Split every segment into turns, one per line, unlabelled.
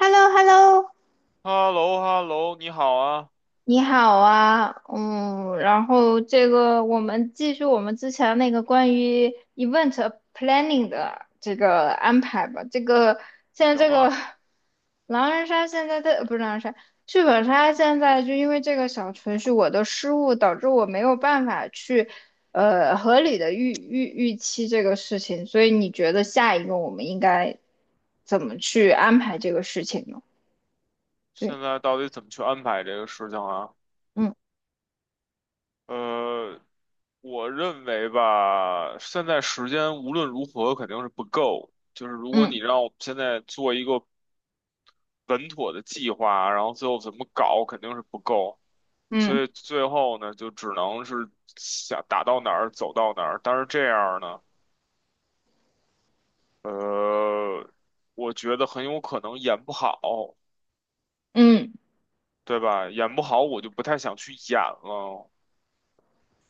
h e l l o h e l l o
h e l l o h e l l o 你好啊，
你好啊，嗯，然后这个我们继续我们之前那个关于 event planning 的这个安排吧。这个现在
行
这个
啊，
狼人杀现在不是狼人杀，剧本杀现在就因为这个小程序我的失误，导致我没有办法去合理的预期这个事情，所以你觉得下一个我们应该怎么去安排这个事情呢？
现
对，
在到底怎么去安排这个事情啊？
嗯
呃，我认为吧，现在时间无论如何肯定是不够，就是如果你
嗯
让我们现在做一个稳妥的计划，然后最后怎么搞，肯定是不够，所
嗯。
以最后呢，就只能是想打到哪儿走到哪儿，但是这样呢，呃，我觉得很有可能演不好，
嗯
对吧？演不好，我就不太想去演了。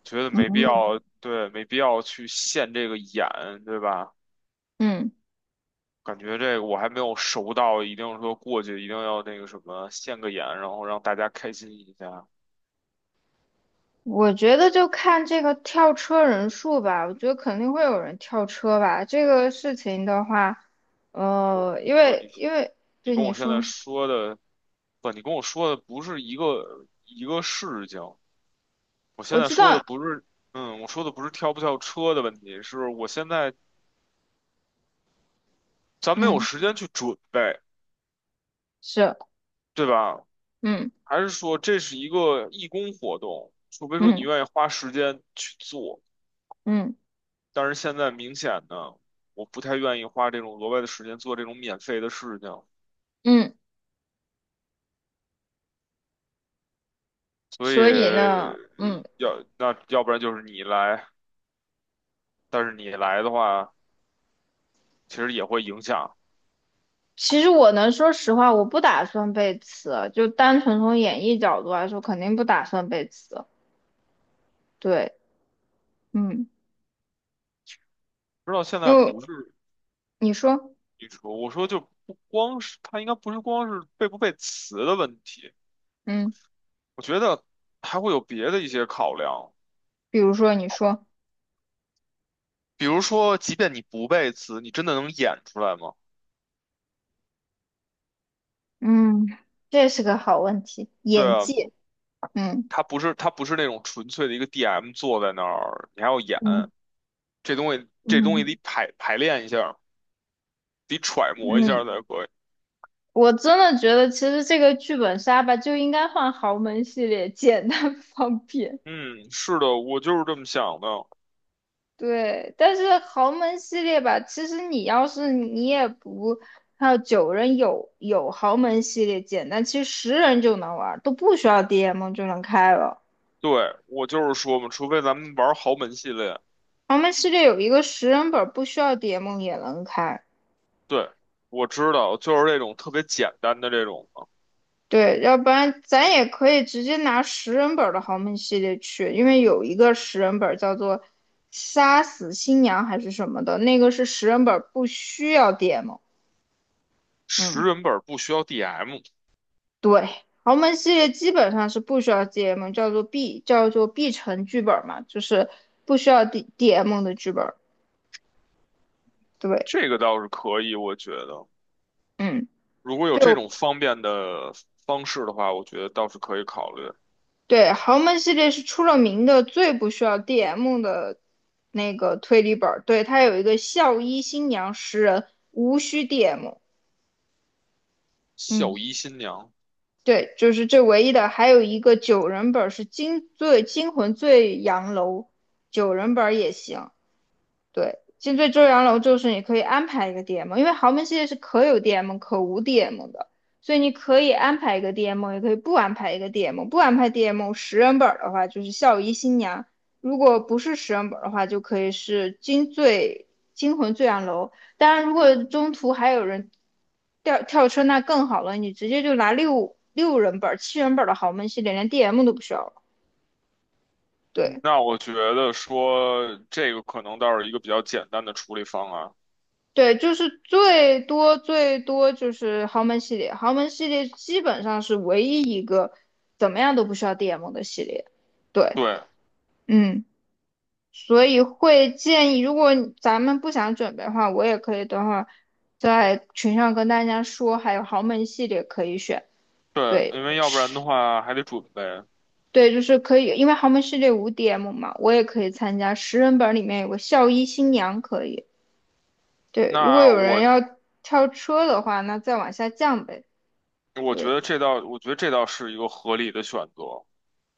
觉得
嗯
没必
嗯，
要，对，没必要去现这个眼，对吧？
嗯，
感觉这个我还没有熟到，一定说过去一定要那个什么现个眼，然后让大家开心一下。
我觉得就看这个跳车人数吧，我觉得肯定会有人跳车吧。这个事情的话，
我
因
我
为
你
因为
你
对
跟
你
我现在
说，
说的，不，你跟我说的不是一个事情。我现
我
在
知
说的
道，
不是，嗯，我说的不是跳不跳车的问题，是我现在咱没有
嗯，
时间去准备，
是，
对吧？
嗯
还是说这是一个义工活动，除非说你
嗯
愿意花时间去做。
嗯
但是现在明显的，我不太愿意花这种额外的时间做这种免费的事情，
嗯，
所以
所以呢，嗯，
要那要不然就是你来，但是你来的话，其实也会影响。
其实我能说实话，我不打算背词，就单纯从演绎角度来说，肯定不打算背词。对，嗯，
知道现
因
在
为
不是
你说，
你说，我说就不光是他应该不是光是背不背词的问题，
嗯，
我觉得还会有别的一些考量，
比如说你说。
比如说，即便你不背词，你真的能演出来吗？
嗯，这是个好问题，
对
演
啊，
技，嗯
他不是那种纯粹的一个 DM 坐在那儿，你还要演。
嗯
这东西
嗯，
得排练一下，得揣摩一
嗯，
下才可以。
我真的觉得其实这个剧本杀吧就应该换豪门系列，简单 方便。
嗯，是的，我就是这么想的。
对，但是豪门系列吧，其实你要是你也不，还有九人有豪门系列简单，其实十人就能玩儿，都不需要 DM 就能开了。
对，我就是说嘛，除非咱们玩豪门系列。
豪门系列有一个十人本儿，不需要 DM 也能开。
对，我知道，就是这种特别简单的这种的，
对，要不然咱也可以直接拿十人本儿的豪门系列去，因为有一个十人本儿叫做"杀死新娘"还是什么的，那个是十人本儿不需要 DM。
十
嗯，
人本不需要 DM，
对，豪门系列基本上是不需要 DM，叫做 B 城剧本嘛，就是不需要 DM 的剧本对，
这个倒是可以，我觉得
嗯。
如果有这种方便的方式的话，我觉得倒是可以考虑。
对，豪门系列是出了名的最不需要 DM 的那个推理本儿，对，它有一个校医新娘十人，无需 DM。嗯，
孝仪新娘，
对，就是这唯一的，还有一个九人本儿是最惊魂醉阳楼，九人本儿也行。对，金最周阳楼就是你可以安排一个 DM，因为豪门系列是可有 DM 可无 DM 的，所以你可以安排一个 DM，也可以不安排一个 DM。不安排 DM 十人本儿的话，就是孝仪新娘；如果不是十人本儿的话，就可以是惊魂醉阳楼。当然，如果中途还有人跳车，那更好了，你直接就拿六人本儿七人本儿的豪门系列，连 DM 都不需要了。
嗯
对，
那我觉得说这个可能倒是一个比较简单的处理方案。
对，就是最多最多就是豪门系列，豪门系列基本上是唯一一个怎么样都不需要 DM 的系列。对，
对，
嗯，所以会建议，如果咱们不想准备的话，我也可以等会儿在群上跟大家说，还有豪门系列可以选。
对，
对，
因为要不然的
是，
话还得准备。
对，就是可以，因为豪门系列无 DM 嘛，我也可以参加。十人本里面有个校医新娘可以。对，如果
那
有人
我
要跳车的话，那再往下降呗。
我觉
对，
得这倒，我觉得这倒是一个合理的选择。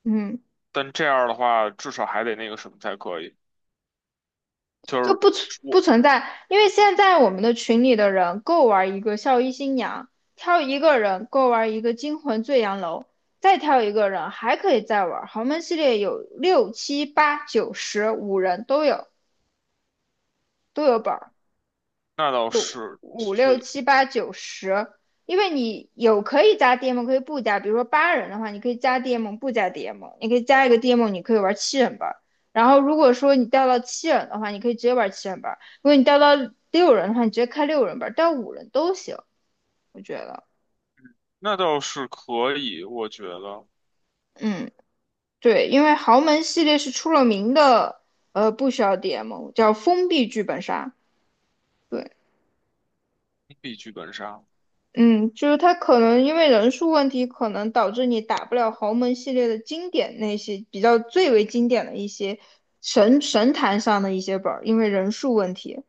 嗯，
但这样的话，至少还得那个什么才可以。就
就
是
不
我
存在，因为现在我们的群里的人够玩一个孝衣新娘，挑一个人够玩一个惊魂醉阳楼，再挑一个人还可以再玩豪门系列有六七八九十五人都有本儿。
那倒是，
五
所
六
以
七八九十，因为你有可以加 DM，可以不加。比如说八人的话，你可以加 DM，不加 DM，你可以加一个 DM，你可以玩七人班。然后如果说你掉到七人的话，你可以直接玩七人班；如果你掉到六人的话，你直接开六人班，掉五人都行，我觉得。
那倒是可以，我觉得
嗯，对，因为豪门系列是出了名的，不需要 DM，叫封闭剧本杀。对，
必剧本杀。
嗯，就是他可能因为人数问题，可能导致你打不了豪门系列的经典那些比较最为经典的一些神坛上的一些本儿，因为人数问题。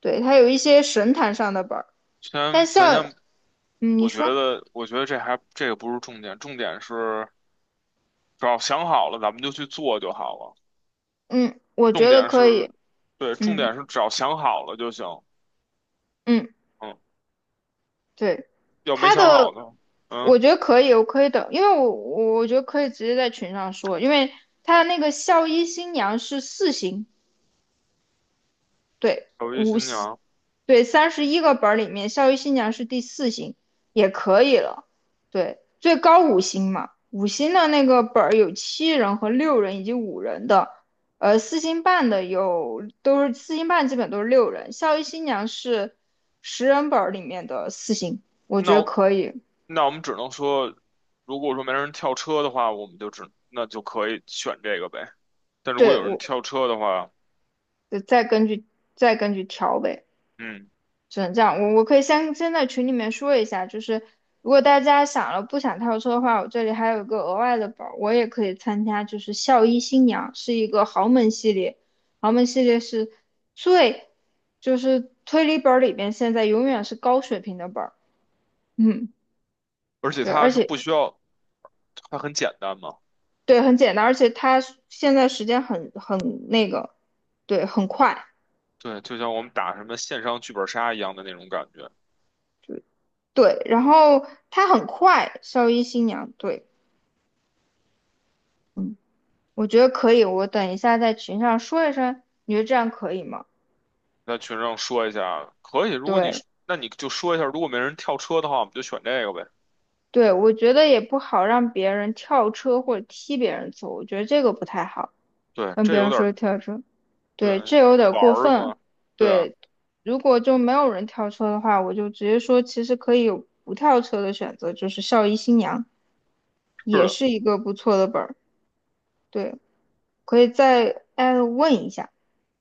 对，他有一些神坛上的本儿，但
先，咱
像
先，
嗯你说，
我觉得这还这个不是重点，重点是只要想好了，咱们就去做就好了。
嗯，我
重
觉得
点
可
是，
以，
对，重
嗯
点是只要想好了就行。
嗯，
嗯，
对，
要没
他
想
的
好呢，嗯。
我觉得可以，我可以等，因为我觉得可以直接在群上说，因为它那个校医新娘是四星，对。
小鱼
五
新
星。
娘，
对，31个本儿里面，《校育新娘》是第四星，也可以了。对，最高五星嘛，五星的那个本儿有七人和六人以及五人的，四星半的有都是四星半，基本都是六人。《校育新娘》是十人本儿里面的四星，我觉
那
得
我
可以。
那我们只能说，如果说没人跳车的话，我们就只那就可以选这个呗。但如果
对，
有人
我
跳车的话，
再根据再根据调呗。
嗯，
只能这样。我可以先在群里面说一下，就是如果大家想了不想跳车的话，我这里还有一个额外的宝，我也可以参加，就是校医新娘是一个豪门系列，豪门系列是最就是推理本儿里边现在永远是高水平的本儿，嗯，
而且
对，而
它是
且
不需要，它很简单嘛。
对很简单，而且它现在时间很那个，对，很快，
对，就像我们打什么线上剧本杀一样的那种感觉。
对，然后它很快，校医新娘，对，嗯。我觉得可以，我等一下在群上说一声，你觉得这样可以吗？
在群上说一下，可以。如果你
对，
那你就说一下，如果没人跳车的话，我们就选这个呗。
对，我觉得也不好让别人跳车或者踢别人走，我觉得这个不太好，
对，
跟
这
别
有
人
点儿
说跳车，
对
对，这有点
玩
过
儿
分。
嘛。对啊，
对，如果就没有人跳车的话，我就直接说，其实可以有不跳车的选择，就是校医新娘，
是
也
的，
是一个不错的本儿，对，可以再艾特问一下。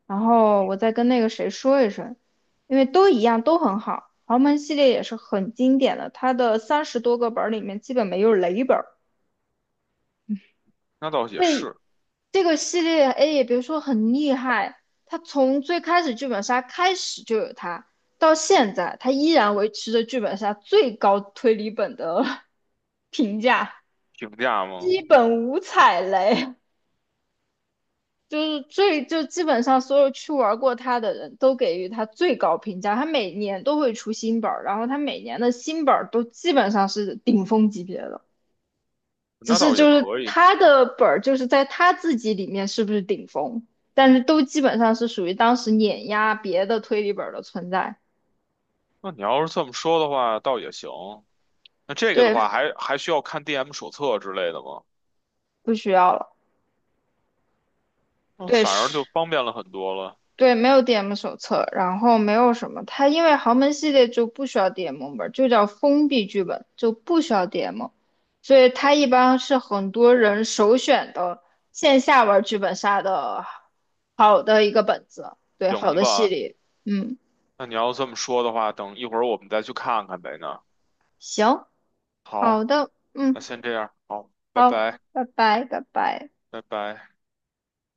然后我再跟那个谁说一声，因为都一样，都很好。豪门系列也是很经典的，它的30多个本儿里面基本没有雷本儿。
那倒也
对，
是
这个系列 A 也别说很厉害，它从最开始剧本杀开始就有它，到现在它依然维持着剧本杀最高推理本的 评价，
评价嘛，
基本无踩雷。就是最就基本上所有去玩过他的人都给予他最高评价。他每年都会出新本儿，然后他每年的新本儿都基本上是顶峰级别的，只
那
是
倒也
就是
可以。
他的本儿就是在他自己里面是不是顶峰，但是都基本上是属于当时碾压别的推理本儿的存在。
那你要是这么说的话，倒也行。那这个的
对，
话还，还需要看 DM 手册之类的吗？
不需要了。
那
对，
反而
是。
就方便了很多了。
对，没有 DM 手册，然后没有什么，它因为豪门系列就不需要 DM 本，就叫封闭剧本，就不需要 DM，所以它一般是很多人首选的线下玩剧本杀的好的一个本子，对，好
行
的系
吧，
列，嗯，
那你要这么说的话，等一会儿我们再去看看呗呢。
行，
那
好
好，
的，
那
嗯，
先这样，好，拜
好，
拜，
拜拜，拜拜。
拜拜。